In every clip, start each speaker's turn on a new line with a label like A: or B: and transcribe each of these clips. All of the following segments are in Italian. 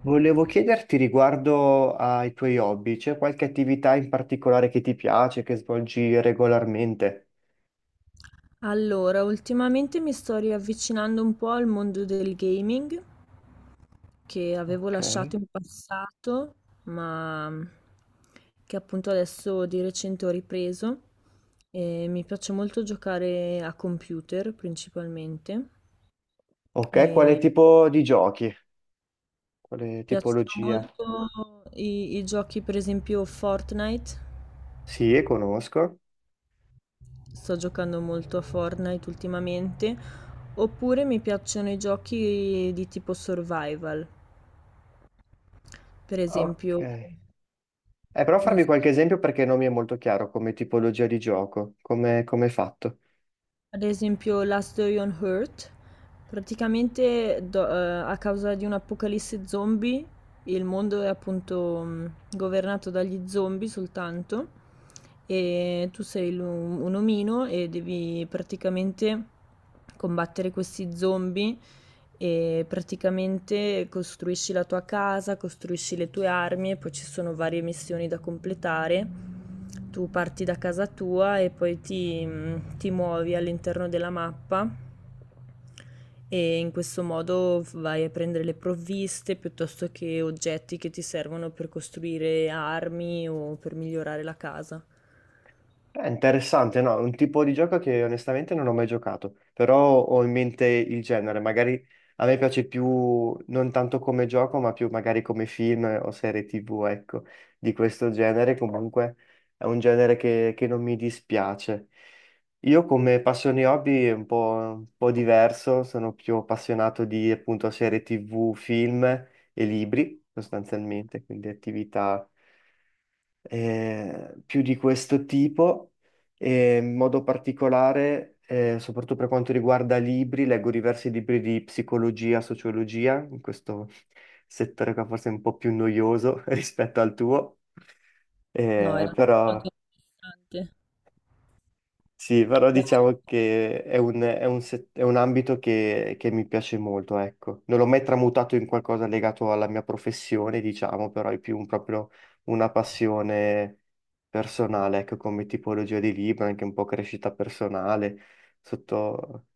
A: Volevo chiederti riguardo ai tuoi hobby, c'è qualche attività in particolare che ti piace, che svolgi regolarmente?
B: Allora, ultimamente mi sto riavvicinando un po' al mondo del gaming che avevo
A: Ok.
B: lasciato in passato, ma mm, che appunto adesso di recente ho ripreso. E mi piace molto giocare a computer principalmente.
A: Ok, quale
B: E mi
A: tipo di giochi? Quale
B: piacciono
A: tipologia?
B: molto i giochi, per esempio Fortnite.
A: Sì, conosco.
B: Sto giocando molto a Fortnite ultimamente. Oppure mi piacciono i giochi di tipo survival. Per
A: Ok.
B: esempio,
A: Però
B: non
A: farmi
B: so,
A: qualche esempio perché non mi è molto chiaro come tipologia di gioco, come è fatto.
B: ad esempio Last Day on Earth, praticamente a causa di un'apocalisse zombie, il mondo è appunto governato dagli zombie soltanto e un omino e devi praticamente combattere questi zombie. E praticamente costruisci la tua casa, costruisci le tue armi e poi ci sono varie missioni da completare. Tu parti da casa tua e ti muovi all'interno della mappa e in questo modo vai a prendere le provviste piuttosto che oggetti che ti servono per costruire armi o per migliorare la casa.
A: È interessante, no? È un tipo di gioco che onestamente non ho mai giocato, però ho in mente il genere. Magari a me piace più, non tanto come gioco, ma più magari come film o serie TV, ecco, di questo genere. Comunque è un genere che non mi dispiace. Io come passioni hobby è un po' diverso, sono più appassionato di appunto serie TV, film e libri, sostanzialmente, quindi attività più di questo tipo e in modo particolare, soprattutto per quanto riguarda libri, leggo diversi libri di psicologia, sociologia, in questo settore qua forse è un po' più noioso rispetto al tuo,
B: No,
A: eh,
B: era
A: però...
B: molto interessante.
A: Sì, però diciamo che è è un è un ambito che mi piace molto, ecco. Non l'ho mai tramutato in qualcosa legato alla mia professione, diciamo, però è più proprio una passione personale, ecco, come tipologia di libro, anche un po' crescita personale, sotto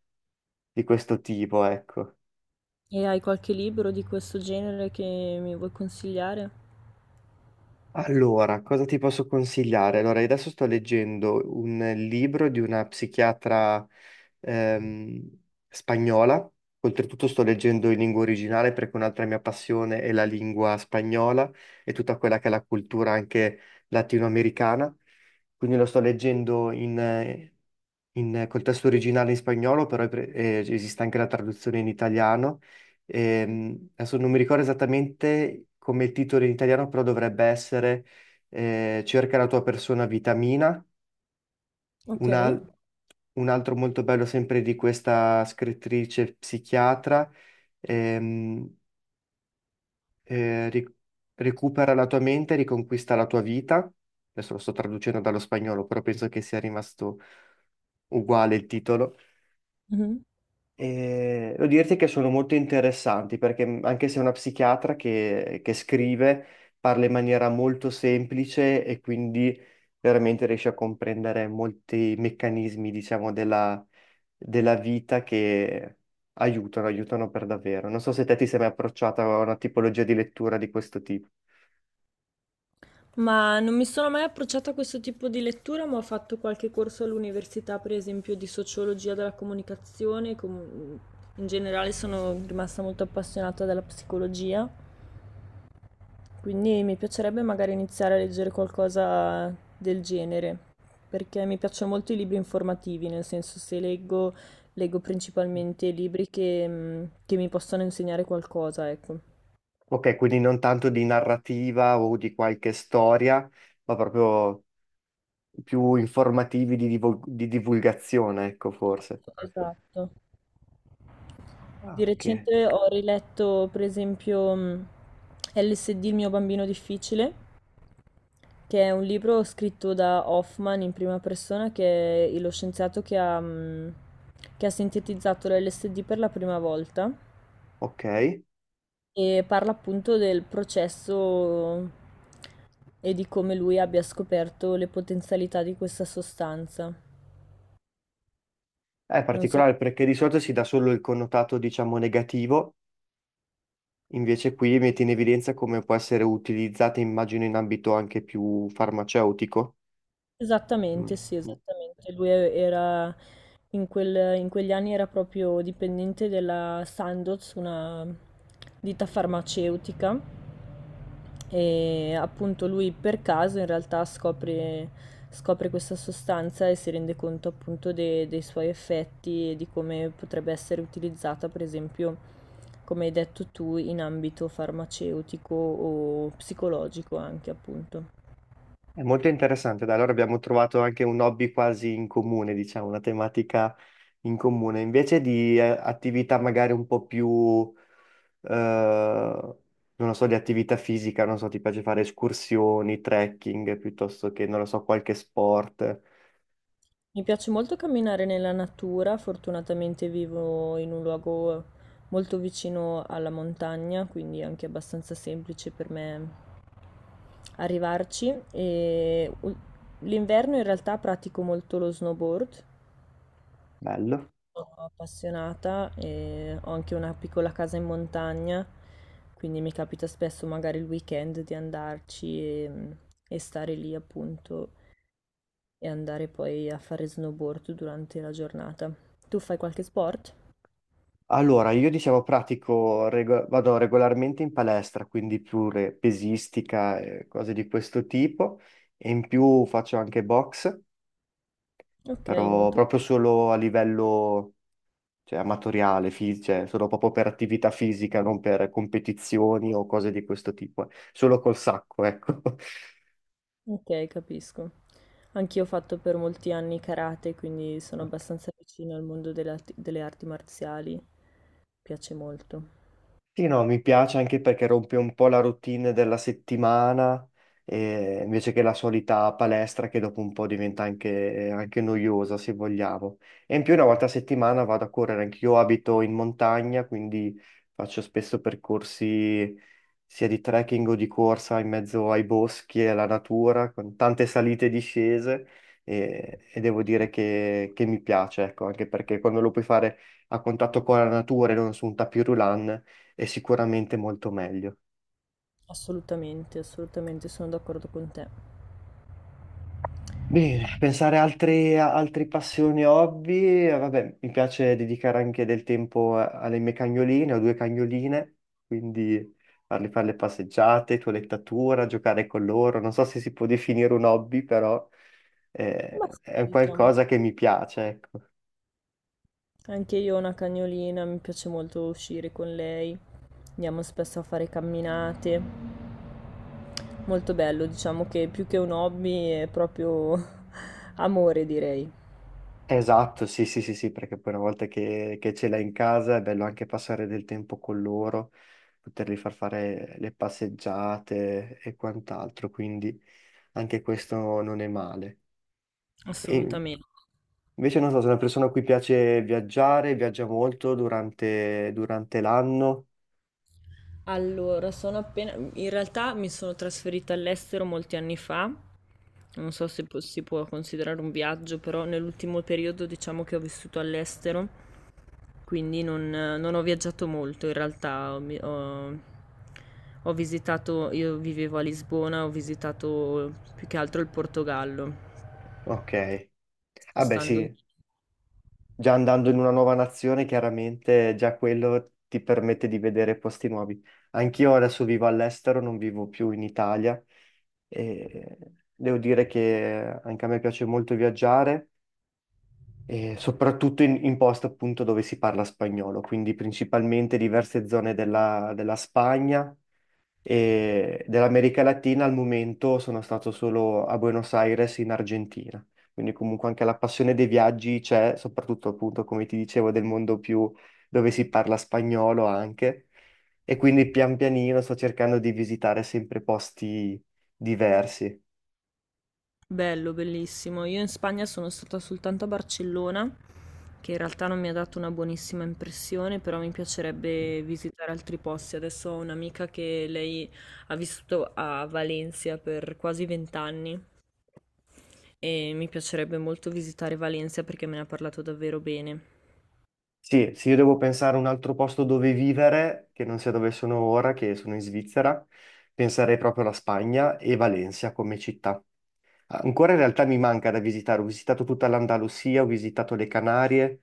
A: di questo tipo, ecco.
B: E hai qualche libro di questo genere che mi vuoi consigliare?
A: Allora, cosa ti posso consigliare? Allora, io adesso sto leggendo un libro di una psichiatra ehm, spagnola. Oltretutto sto leggendo in lingua originale perché un'altra mia passione è la lingua spagnola e tutta quella che è la cultura anche latinoamericana. Quindi lo sto leggendo col testo originale in spagnolo, però esiste anche la traduzione in italiano. Adesso non mi ricordo esattamente come il titolo in italiano, però dovrebbe essere Cerca la tua persona vitamina.
B: Ok.
A: Un, al- un altro molto bello sempre di questa scrittrice psichiatra. ehm, eh, ri- Recupera la tua mente, riconquista la tua vita. Adesso lo sto traducendo dallo spagnolo, però penso che sia rimasto uguale il titolo.
B: Mhm.
A: E devo dirti che sono molto interessanti perché anche se è una psichiatra che scrive, parla in maniera molto semplice e quindi veramente riesce a comprendere molti meccanismi, diciamo, della vita che aiutano per davvero. Non so se te ti sei mai approcciata a una tipologia di lettura di questo tipo.
B: Ma non mi sono mai approcciata a questo tipo di lettura, ma ho fatto qualche corso all'università, per esempio, di sociologia della comunicazione. In generale sono rimasta molto appassionata della psicologia, quindi mi piacerebbe magari iniziare a leggere qualcosa del genere, perché mi piacciono molto i libri informativi, nel senso se leggo, leggo principalmente libri che che mi possono insegnare qualcosa, ecco.
A: Ok, quindi non tanto di narrativa o di qualche storia, ma proprio più informativi di divulgazione, ecco, forse.
B: Esatto. Di
A: Ah, ok.
B: recente ho riletto, per esempio, LSD, il mio bambino difficile, che è un libro scritto da Hoffman in prima persona, che è lo scienziato che ha sintetizzato l'LSD per la prima volta
A: Ok.
B: e parla appunto del processo e di come lui abbia scoperto le potenzialità di questa sostanza.
A: È
B: Non so.
A: particolare perché di solito si dà solo il connotato, diciamo, negativo, invece qui metti in evidenza come può essere utilizzata, immagino, in ambito anche più farmaceutico. Mm.
B: Esattamente, sì,
A: Mm.
B: esattamente. Lui era in quegli anni era proprio dipendente della Sandoz, una ditta farmaceutica e appunto lui per caso in realtà scopre, scopre questa sostanza e si rende conto appunto dei suoi effetti e di come potrebbe essere utilizzata, per esempio, come hai detto tu, in ambito farmaceutico o psicologico anche appunto.
A: È molto interessante, dai, allora abbiamo trovato anche un hobby quasi in comune, diciamo, una tematica in comune, invece di attività magari un po' più, eh, non lo so, di attività fisica, non so, ti piace fare escursioni, trekking, piuttosto che, non lo so, qualche sport.
B: Mi piace molto camminare nella natura, fortunatamente vivo in un luogo molto vicino alla montagna, quindi è anche abbastanza semplice per me arrivarci. L'inverno in realtà pratico molto lo snowboard,
A: Bello.
B: sono appassionata e ho anche una piccola casa in montagna, quindi mi capita spesso magari il weekend di andarci e stare lì appunto e andare poi a fare snowboard durante la giornata. Tu fai qualche sport?
A: Allora, io diciamo pratico, vado regolarmente in palestra, quindi pure pesistica e cose di questo tipo, e in più faccio anche box,
B: Okay,
A: però
B: molto
A: proprio solo a livello, cioè, amatoriale, cioè, solo proprio per attività fisica, non per competizioni o cose di questo tipo, eh. Solo col sacco, ecco.
B: okay, capisco. Anch'io ho fatto per molti anni karate, quindi sono abbastanza vicina al mondo delle arti marziali. Piace molto.
A: Sì, no, mi piace anche perché rompe un po' la routine della settimana, invece che la solita palestra che dopo un po' diventa anche noiosa, se vogliamo. E in più una volta a settimana vado a correre, anche io abito in montagna, quindi faccio spesso percorsi sia di trekking o di corsa in mezzo ai boschi e alla natura, con tante salite e discese, e devo dire che mi piace, ecco, anche perché quando lo puoi fare a contatto con la natura e non su un tapirulan è sicuramente molto meglio.
B: Assolutamente, assolutamente, sono d'accordo con te.
A: Bene, pensare a altre passioni, hobby, vabbè, mi piace dedicare anche del tempo alle mie cagnoline, ho due cagnoline, quindi farle fare le passeggiate, toilettatura, giocare con loro, non so se si può definire un hobby, però
B: Ma
A: è
B: sì,
A: un
B: diciamo.
A: qualcosa che mi piace, ecco.
B: Anche io ho una cagnolina, mi piace molto uscire con lei. Andiamo spesso a fare camminate. Molto bello, diciamo che più che un hobby è proprio amore, direi.
A: Esatto, sì, sì, sì, sì, perché poi una volta che ce l'hai in casa è bello anche passare del tempo con loro, poterli far fare le passeggiate e quant'altro, quindi anche questo non è male. E
B: Assolutamente.
A: invece non so, sono una persona a cui piace viaggiare, viaggia molto durante l'anno,
B: Allora, sono appena... In realtà mi sono trasferita all'estero molti anni fa, non so se si può considerare un viaggio, però nell'ultimo periodo diciamo che ho vissuto all'estero, quindi non, non ho viaggiato molto in realtà. Ho visitato, io vivevo a Lisbona, ho visitato più che altro il Portogallo,
A: ok. Vabbè,
B: spostandomi.
A: sì, già andando in una nuova nazione, chiaramente già quello ti permette di vedere posti nuovi. Anch'io adesso vivo all'estero, non vivo più in Italia e devo dire che anche a me piace molto viaggiare, e soprattutto in posti appunto dove si parla spagnolo, quindi principalmente diverse zone della Spagna e dell'America Latina. Al momento sono stato solo a Buenos Aires in Argentina. Quindi comunque anche la passione dei viaggi c'è, soprattutto appunto, come ti dicevo, del mondo più dove si parla spagnolo anche. E quindi pian pianino sto cercando di visitare sempre posti diversi.
B: Bello, bellissimo. Io in Spagna sono stata soltanto a Barcellona, che in realtà non mi ha dato una buonissima impressione, però mi piacerebbe visitare altri posti. Adesso ho un'amica che lei ha vissuto a Valencia per quasi vent'anni e mi piacerebbe molto visitare Valencia perché me ne ha parlato davvero bene.
A: Sì, se io devo pensare a un altro posto dove vivere, che non sia dove sono ora, che sono in Svizzera, penserei proprio alla Spagna e Valencia come città. Ancora in realtà mi manca da visitare, ho visitato tutta l'Andalusia, ho visitato le Canarie,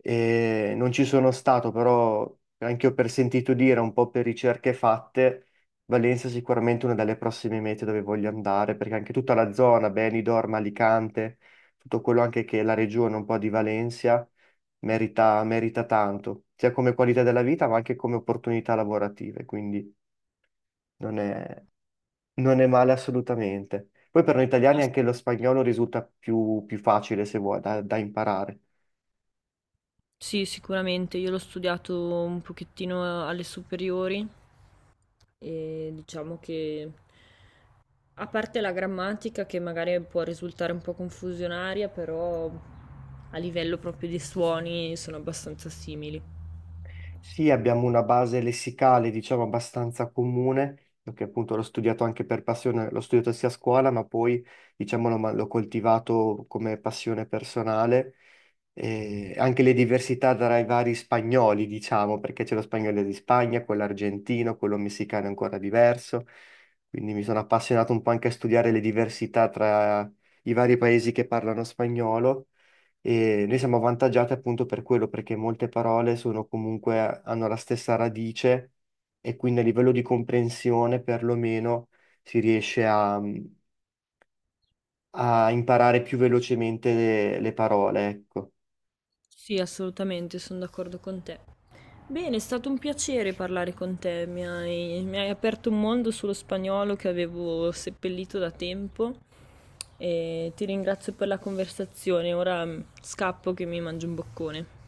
A: e non ci sono stato, però anche io per sentito dire, un po' per ricerche fatte, Valencia è sicuramente una delle prossime mete dove voglio andare, perché anche tutta la zona, Benidorm, Alicante, tutto quello anche che è la regione un po' di Valencia merita, merita tanto, sia come qualità della vita, ma anche come opportunità lavorative, quindi non è non è male assolutamente. Poi per noi italiani
B: Ah,
A: anche lo spagnolo risulta più facile se vuoi da imparare.
B: sì, sicuramente. Io l'ho studiato un pochettino alle superiori e diciamo che a parte la grammatica che magari può risultare un po' confusionaria, però a livello proprio di suoni sono abbastanza simili.
A: Sì, abbiamo una base lessicale, diciamo, abbastanza comune, perché appunto l'ho studiato anche per passione, l'ho studiato sia a scuola, ma poi, diciamo, l'ho coltivato come passione personale. E anche le diversità tra i vari spagnoli, diciamo, perché c'è lo spagnolo di Spagna, quello argentino, quello messicano è ancora diverso. Quindi mi sono appassionato un po' anche a studiare le diversità tra i vari paesi che parlano spagnolo e noi siamo avvantaggiati appunto per quello, perché molte parole sono comunque, hanno la stessa radice e quindi a livello di comprensione perlomeno si riesce a imparare più velocemente le parole, ecco.
B: Sì, assolutamente, sono d'accordo con te. Bene, è stato un piacere parlare con te, mi hai aperto un mondo sullo spagnolo che avevo seppellito da tempo e ti ringrazio per la conversazione. Ora scappo che mi mangio un boccone.